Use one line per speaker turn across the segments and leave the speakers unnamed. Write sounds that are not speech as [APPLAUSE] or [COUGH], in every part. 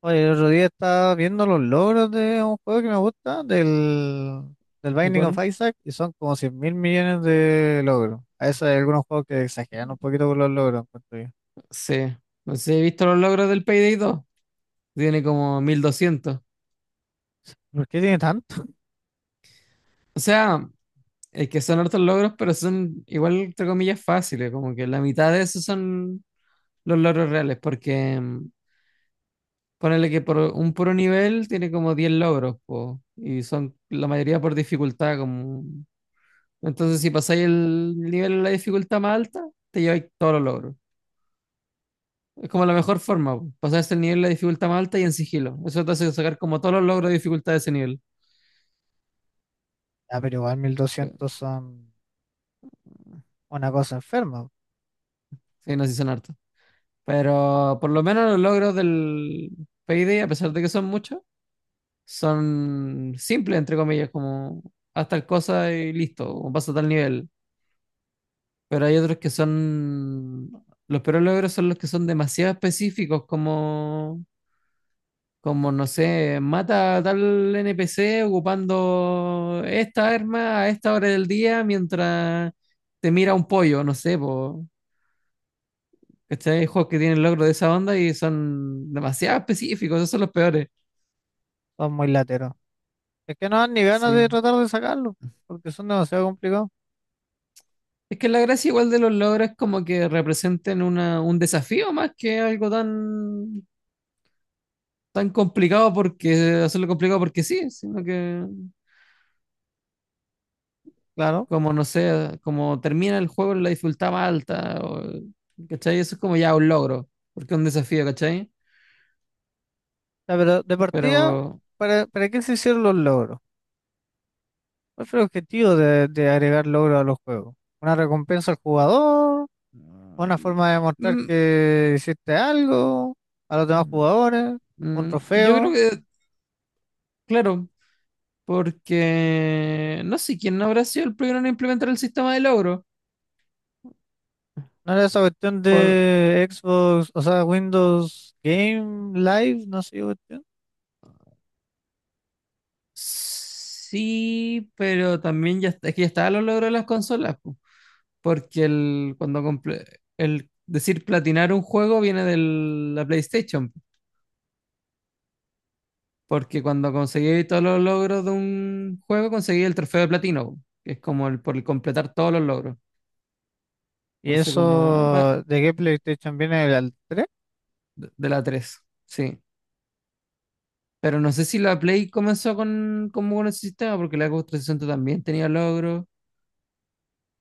Oye, el otro día estaba viendo los logros de un juego que me gusta, del
¿De
Binding of
cuál?
Isaac, y son como 100.000 millones de logros. A veces hay algunos juegos que exageran un poquito con los logros, encuentro yo.
Sí. No sé si he visto los logros del Payday 2. Tiene como 1.200.
¿Por qué tiene tanto?
O sea, es que son hartos logros, pero son igual, entre comillas, fáciles. Como que la mitad de esos son los logros reales, porque ponele que por un puro nivel tiene como 10 logros, po, y son la mayoría por dificultad. Como... Entonces, si pasáis el nivel de la dificultad más alta, te lleváis todos los logros. Es como la mejor forma, po, pasarse el nivel de la dificultad más alta y en sigilo. Eso te hace sacar como todos los logros de dificultad de ese nivel.
Ah, pero igual 1.200 son una cosa enferma,
Sí, no, sí son hartos. Pero por lo menos los logros del Payday, a pesar de que son muchos, son simples, entre comillas, como haz tal cosa y listo, o pasa a tal nivel. Pero hay otros que son... Los peores logros son los que son demasiado específicos, como, como no sé, mata a tal NPC ocupando esta arma a esta hora del día mientras te mira un pollo, no sé, pues, ¿cachai? Hay juegos que tienen logros de esa onda y son demasiado específicos, esos son los peores.
son muy lateros. Es que no dan ni ganas de
Sí.
tratar de sacarlo, porque son demasiado complicados,
Es que la gracia igual de los logros es como que representen un desafío más que algo tan, tan complicado porque hacerlo complicado porque sí, sino que
claro.
como no sé, como termina el juego en la dificultad más alta, o, ¿cachai? Eso es como ya un logro, porque es un desafío, ¿cachai?
Ya, pero de partida,
Pero
¿para qué se hicieron los logros? ¿Cuál fue el objetivo de agregar logros a los juegos? ¿Una recompensa al jugador? Una forma de demostrar
mm,
que hiciste algo a los demás jugadores, un
yo creo
trofeo.
que, claro. Porque no sé quién no habrá sido el primero en implementar el sistema de logro.
¿No era esa cuestión
Por...
de Xbox, o sea, Windows Game Live, no sé qué cuestión?
Sí, pero también ya, es que ya estaban los logros de las consolas, po. Porque el, cuando el decir platinar un juego viene de la PlayStation, po. Porque cuando conseguí todos los logros de un juego, conseguí el trofeo de platino, po, que es como el por completar todos los logros.
¿Y
Entonces, como
eso de qué PlayStation viene, del al 3?
de la tres, sí. Pero no sé si la Play comenzó con, como con ese sistema, porque la Xbox 360 también tenía logros.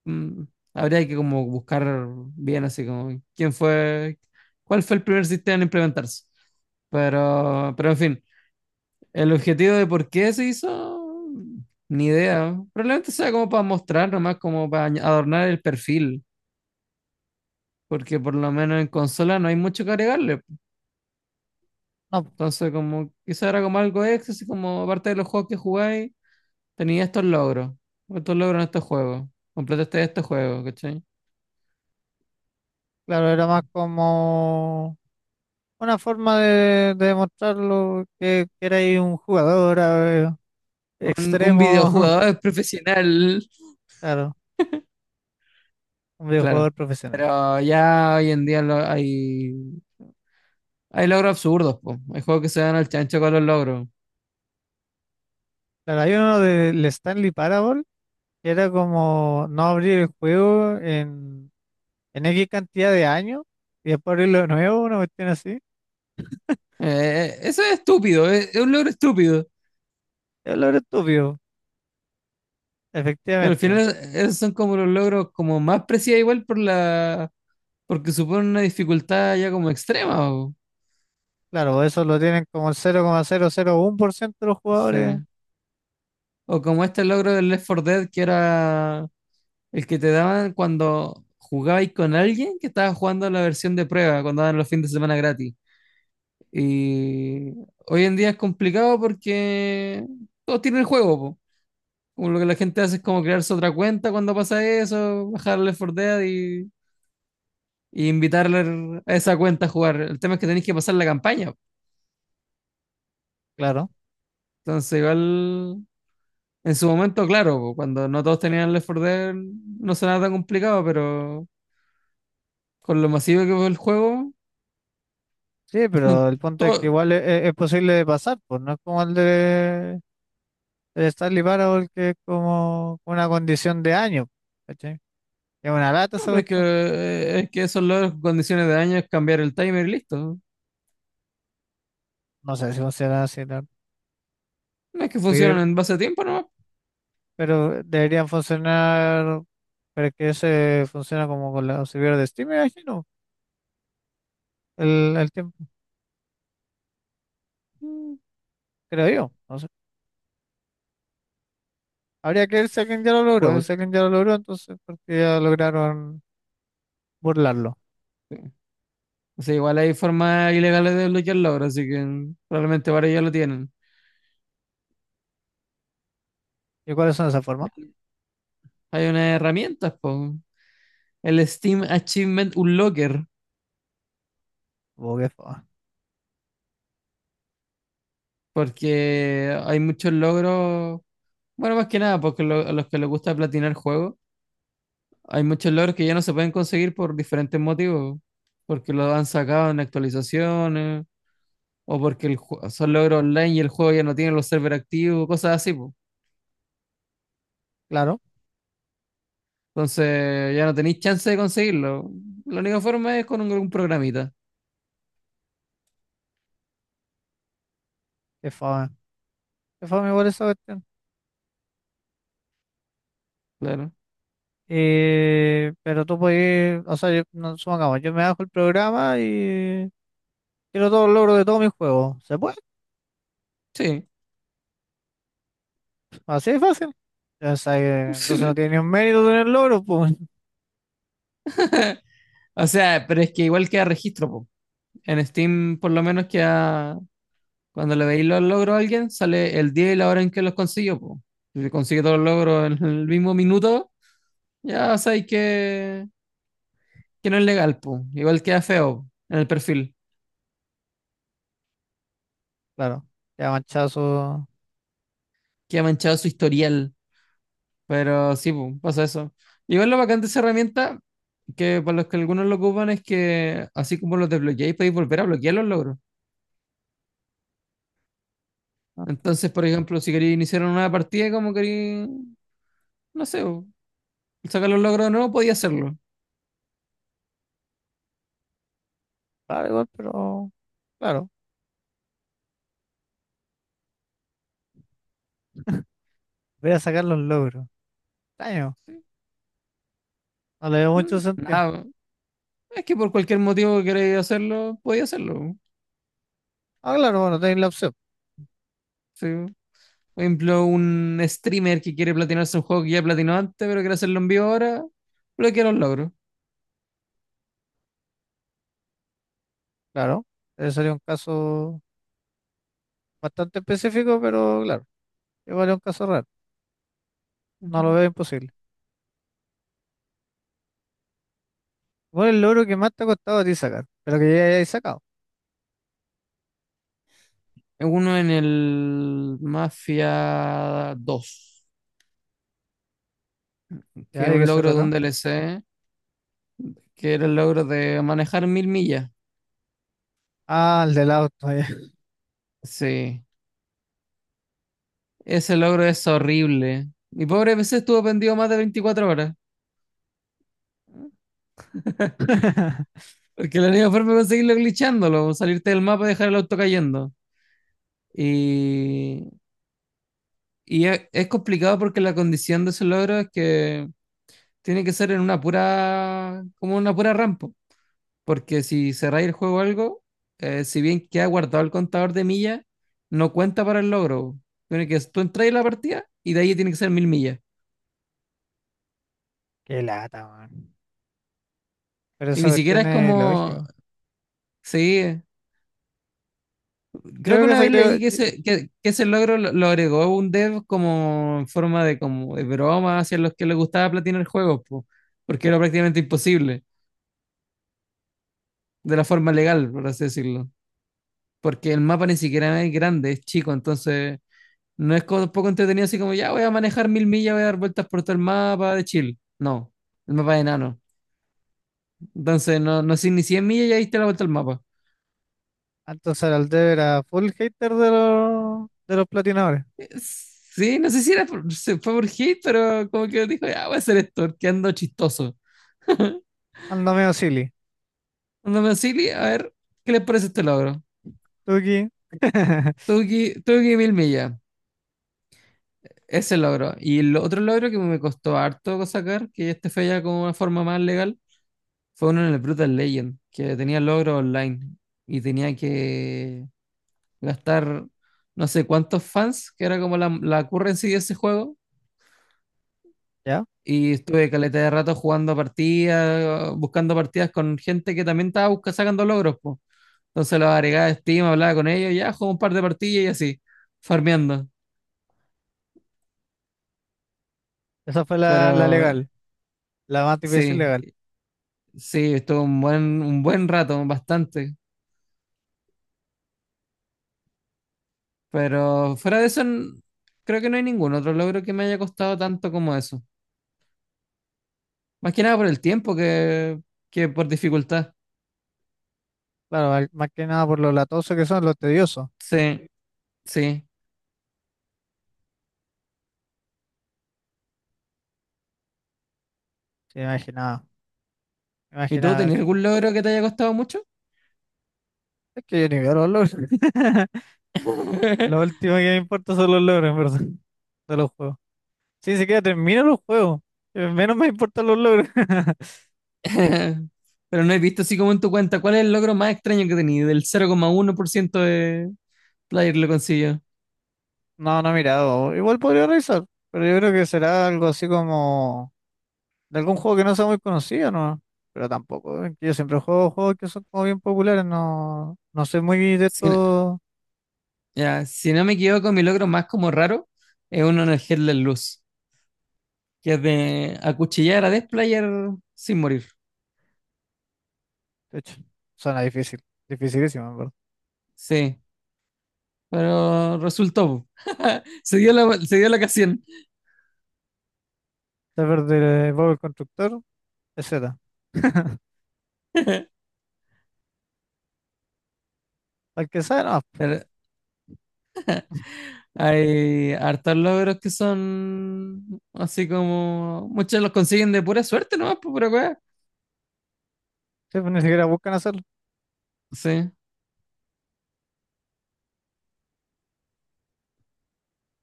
Mm, habría que como buscar bien así como quién fue, cuál fue el primer sistema en implementarse. Pero en fin, el objetivo de por qué se hizo, ni idea. Probablemente sea como para mostrar, nomás como para adornar el perfil, porque por lo menos en consola no hay mucho que agregarle.
No, pues,
Entonces, como quizá era como algo extra, así como aparte de los juegos que jugáis. Tenía estos logros en estos juegos. Completaste estos juegos, ¿cachai?
claro, era más como una forma de demostrarlo, que erais un jugador
Un
extremo.
videojugador [LAUGHS] profesional,
[LAUGHS] Claro, un
claro.
videojugador profesional.
Pero ya hoy en día hay logros absurdos, po. Hay juegos que se dan al chancho con los logros.
Claro, hay uno del Stanley Parable. Era como no abrir el juego en X cantidad de años y después abrirlo de nuevo, una cuestión así.
Eso es estúpido, es un logro estúpido.
Es lo estúpido,
Pero al
efectivamente, bo.
final esos son como los logros como más precisos igual por la, porque suponen una dificultad ya como extrema, o,
Claro, eso lo tienen como el 0,001% de los jugadores,
sí. O como este logro del Left 4 Dead que era el que te daban cuando jugabais con alguien que estaba jugando la versión de prueba, cuando daban los fines de semana gratis. Y hoy en día es complicado porque todos tienen el juego, po. Como lo que la gente hace es como crearse otra cuenta cuando pasa eso, bajarle for Dead y invitarle a esa cuenta a jugar. El tema es que tenéis que pasar la campaña, po.
claro.
Entonces, igual, en su momento, claro, po, cuando no todos tenían el Left 4 Dead, no sonaba tan complicado, pero con lo masivo que fue el juego,
Sí, pero el
[LAUGHS]
punto es que
todo.
igual es posible de pasar, pues no es como el de, el Stanley Parable, que es como una condición de año, ¿cachai? Es una lata
No,
esa
pero
cuestión.
es que eso es las condiciones de daño, es cambiar el timer y listo.
No sé si funciona así,
No es que
pero
funcionan en base a tiempo nomás.
pero deberían funcionar. Pero es que ese funciona como con la servidor de Steam, me imagino. El tiempo,
Mm,
creo yo. No sé. Habría que ver si alguien ya lo logró, pues. Si
Pues,
alguien ya lo logró, entonces, porque ya lograron burlarlo.
o sea, igual hay formas ilegales de desbloquearlo logros así que probablemente ahora ya lo tienen.
¿Y cuáles son esas formas?
Hay unas herramientas, po. El Steam Achievement Unlocker,
Oh, qué fama.
porque hay muchos logros, bueno, más que nada, porque a los que les gusta platinar juegos, hay muchos logros que ya no se pueden conseguir por diferentes motivos, porque los han sacado en actualizaciones o porque el son logros online y el juego ya no tiene los servers activos, cosas así, po.
Claro,
Entonces ya no tenéis chance de conseguirlo. La única forma es con un programita,
qué fama. Qué fama igual esa cuestión.
claro.
Pero tú puedes, o sea, yo, no, supongamos, yo me bajo el programa y quiero todos los logros de todos mis juegos. ¿Se puede?
Sí. [LAUGHS]
Así de fácil. Ya sabes, entonces no
Sí.
tiene ni un mérito tener logros, pues. [LAUGHS]
O sea, pero es que igual queda registro, po. En Steam, por lo menos queda, cuando le veis los logros a alguien, sale el día y la hora en que los consiguió, po. Si consigue todos los logros en el mismo minuto, ya sabéis que no es legal, po. Igual queda feo en el perfil.
Claro, ya manchazo.
Queda manchado su historial. Pero sí, pu, pasa eso. Igual lo bacán de esa herramienta, que para los que algunos lo ocupan, es que así como los desbloqueáis, podéis volver a bloquear los logros. Entonces, por ejemplo, si queréis iniciar una nueva partida, como queréis, no sé, pu, sacar los logros de nuevo podía hacerlo.
Claro, igual, pero claro, voy a sacar los logros. Extraño,
Sí.
no le veo mucho sentido.
Nada, es que por cualquier motivo que queréis hacerlo, podía hacerlo, pu.
Ah, claro, bueno, tenéis la opción,
Sí. Por ejemplo, un streamer que quiere platinarse un juego que ya platinó antes, pero quiere hacerlo en vivo ahora, bloquea los logros.
claro. Ese sería un caso bastante específico, pero claro, igual es un caso raro. No lo
Ujú.
veo imposible. ¿Cuál es el logro que más te ha costado a ti sacar? Pero que ya hayáis sacado.
Uno en el Mafia 2 que
¿Ya
es
de
un
qué se
logro de un
trató?
DLC, que era el logro de manejar 1.000 millas.
Ah, el del auto, ya.
Sí, ese logro es horrible. Mi pobre PC estuvo pendido más de 24 horas,
[LAUGHS]
porque la única forma de conseguirlo es glitchándolo, salirte del mapa y dejar el auto cayendo. Y, y es complicado porque la condición de ese logro es que tiene que ser en una pura, como una pura rampa. Porque si cerráis el juego o algo, si bien queda guardado el contador de millas, no cuenta para el logro. Tiene que tú entras en la partida y de ahí tiene que ser 1.000 millas.
Qué lata, man. Pero
Y
esa
ni siquiera
cuestión
es
es
como.
lógico.
Sí,
Yo
creo
creo
que
que
una
se
vez
creó.
leí que ese, que ese logro lo agregó un dev como en forma de, como de broma hacia los que les gustaba platinar juegos, po, porque era prácticamente imposible, de la forma legal, por así decirlo. Porque el mapa ni siquiera es grande, es chico, entonces no es como tampoco entretenido así como, ya voy a manejar 1.000 millas, voy a dar vueltas por todo el mapa de Chile. No, el mapa es enano. Entonces, no, no sé ni 100 millas ya diste la vuelta al mapa.
Entonces, el Aldev era full hater de los platinadores.
Sí, no sé si era se fue por hate, pero como que dijo, ya voy a hacer esto, que chistoso.
Ando medio silly.
Ando me auxili, a ver, ¿qué les parece este logro?
Tuki. [LAUGHS]
Tuve que 1.000 millas, ese logro. Y el otro logro que me costó harto sacar, que este fue ya como una forma más legal, fue uno en el Brutal Legend, que tenía logro online y tenía que gastar no sé cuántos fans, que era como la currency de ese juego.
¿Ya?
Y estuve caleta de rato jugando partidas, buscando partidas con gente que también estaba sacando logros, po. Entonces los agregaba a Steam, hablaba con ellos, ya jugué un par de partidas y así, farmeando.
Esa fue la, la
Pero
legal, la más difícil
sí,
legal.
sí, estuvo un buen rato, bastante. Pero fuera de eso, creo que no hay ningún otro logro que me haya costado tanto como eso. Más que nada por el tiempo que por dificultad.
Claro, más que nada por lo latosos que son, los tediosos.
Sí, sí.
Sí, imaginaba,
¿Y tú
imaginaba
tenías
eso.
algún logro que te haya costado mucho?
Es que yo ni veo los logros. [LAUGHS] Lo
[LAUGHS]
último que me importa son los logros, en verdad, de los juegos. Sí, ni siquiera termino los juegos. Menos me importan los logros. [LAUGHS]
Pero no he visto así como en tu cuenta. ¿Cuál es el logro más extraño que tenías? Del 0,1% de player lo consiguió.
No, no he mirado. Igual podría revisar, pero yo creo que será algo así como de algún juego que no sea muy conocido, ¿no? Pero tampoco, que yo siempre juego juegos que son como bien populares, no, no soy muy de
Si no,
estos.
ya, si no me equivoco, mi logro más como raro es uno en el Headless Luz, que es de acuchillar a Death Player sin morir.
De hecho, suena difícil. Dificilísimo, en verdad.
Sí, pero resultó. [LAUGHS] Se dio la ocasión.
Saber de Bob el Constructor, etcétera. [LAUGHS] Al que sabe, no.
Pero hay hartos logros que son así como. Muchos los consiguen de pura suerte, ¿no? Por pura weá.
Sí, pues ni siquiera buscan hacerlo.
Sí,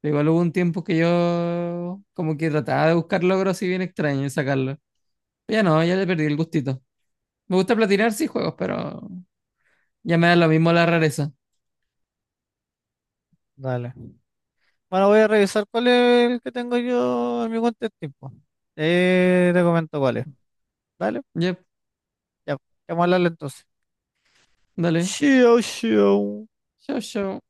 igual hubo un tiempo que yo como que trataba de buscar logros así bien extraños y sacarlos. Pero ya no, ya le perdí el gustito. Me gusta platinar, sí, juegos, pero ya me da lo mismo la rareza.
Dale. Bueno, voy a revisar cuál es el que tengo yo en mi cuenta de tiempo. Te comento cuál es. Dale,
Yep,
ya. Vamos a hablarle entonces.
dale.
Xiao, xiao.
Chau, chau.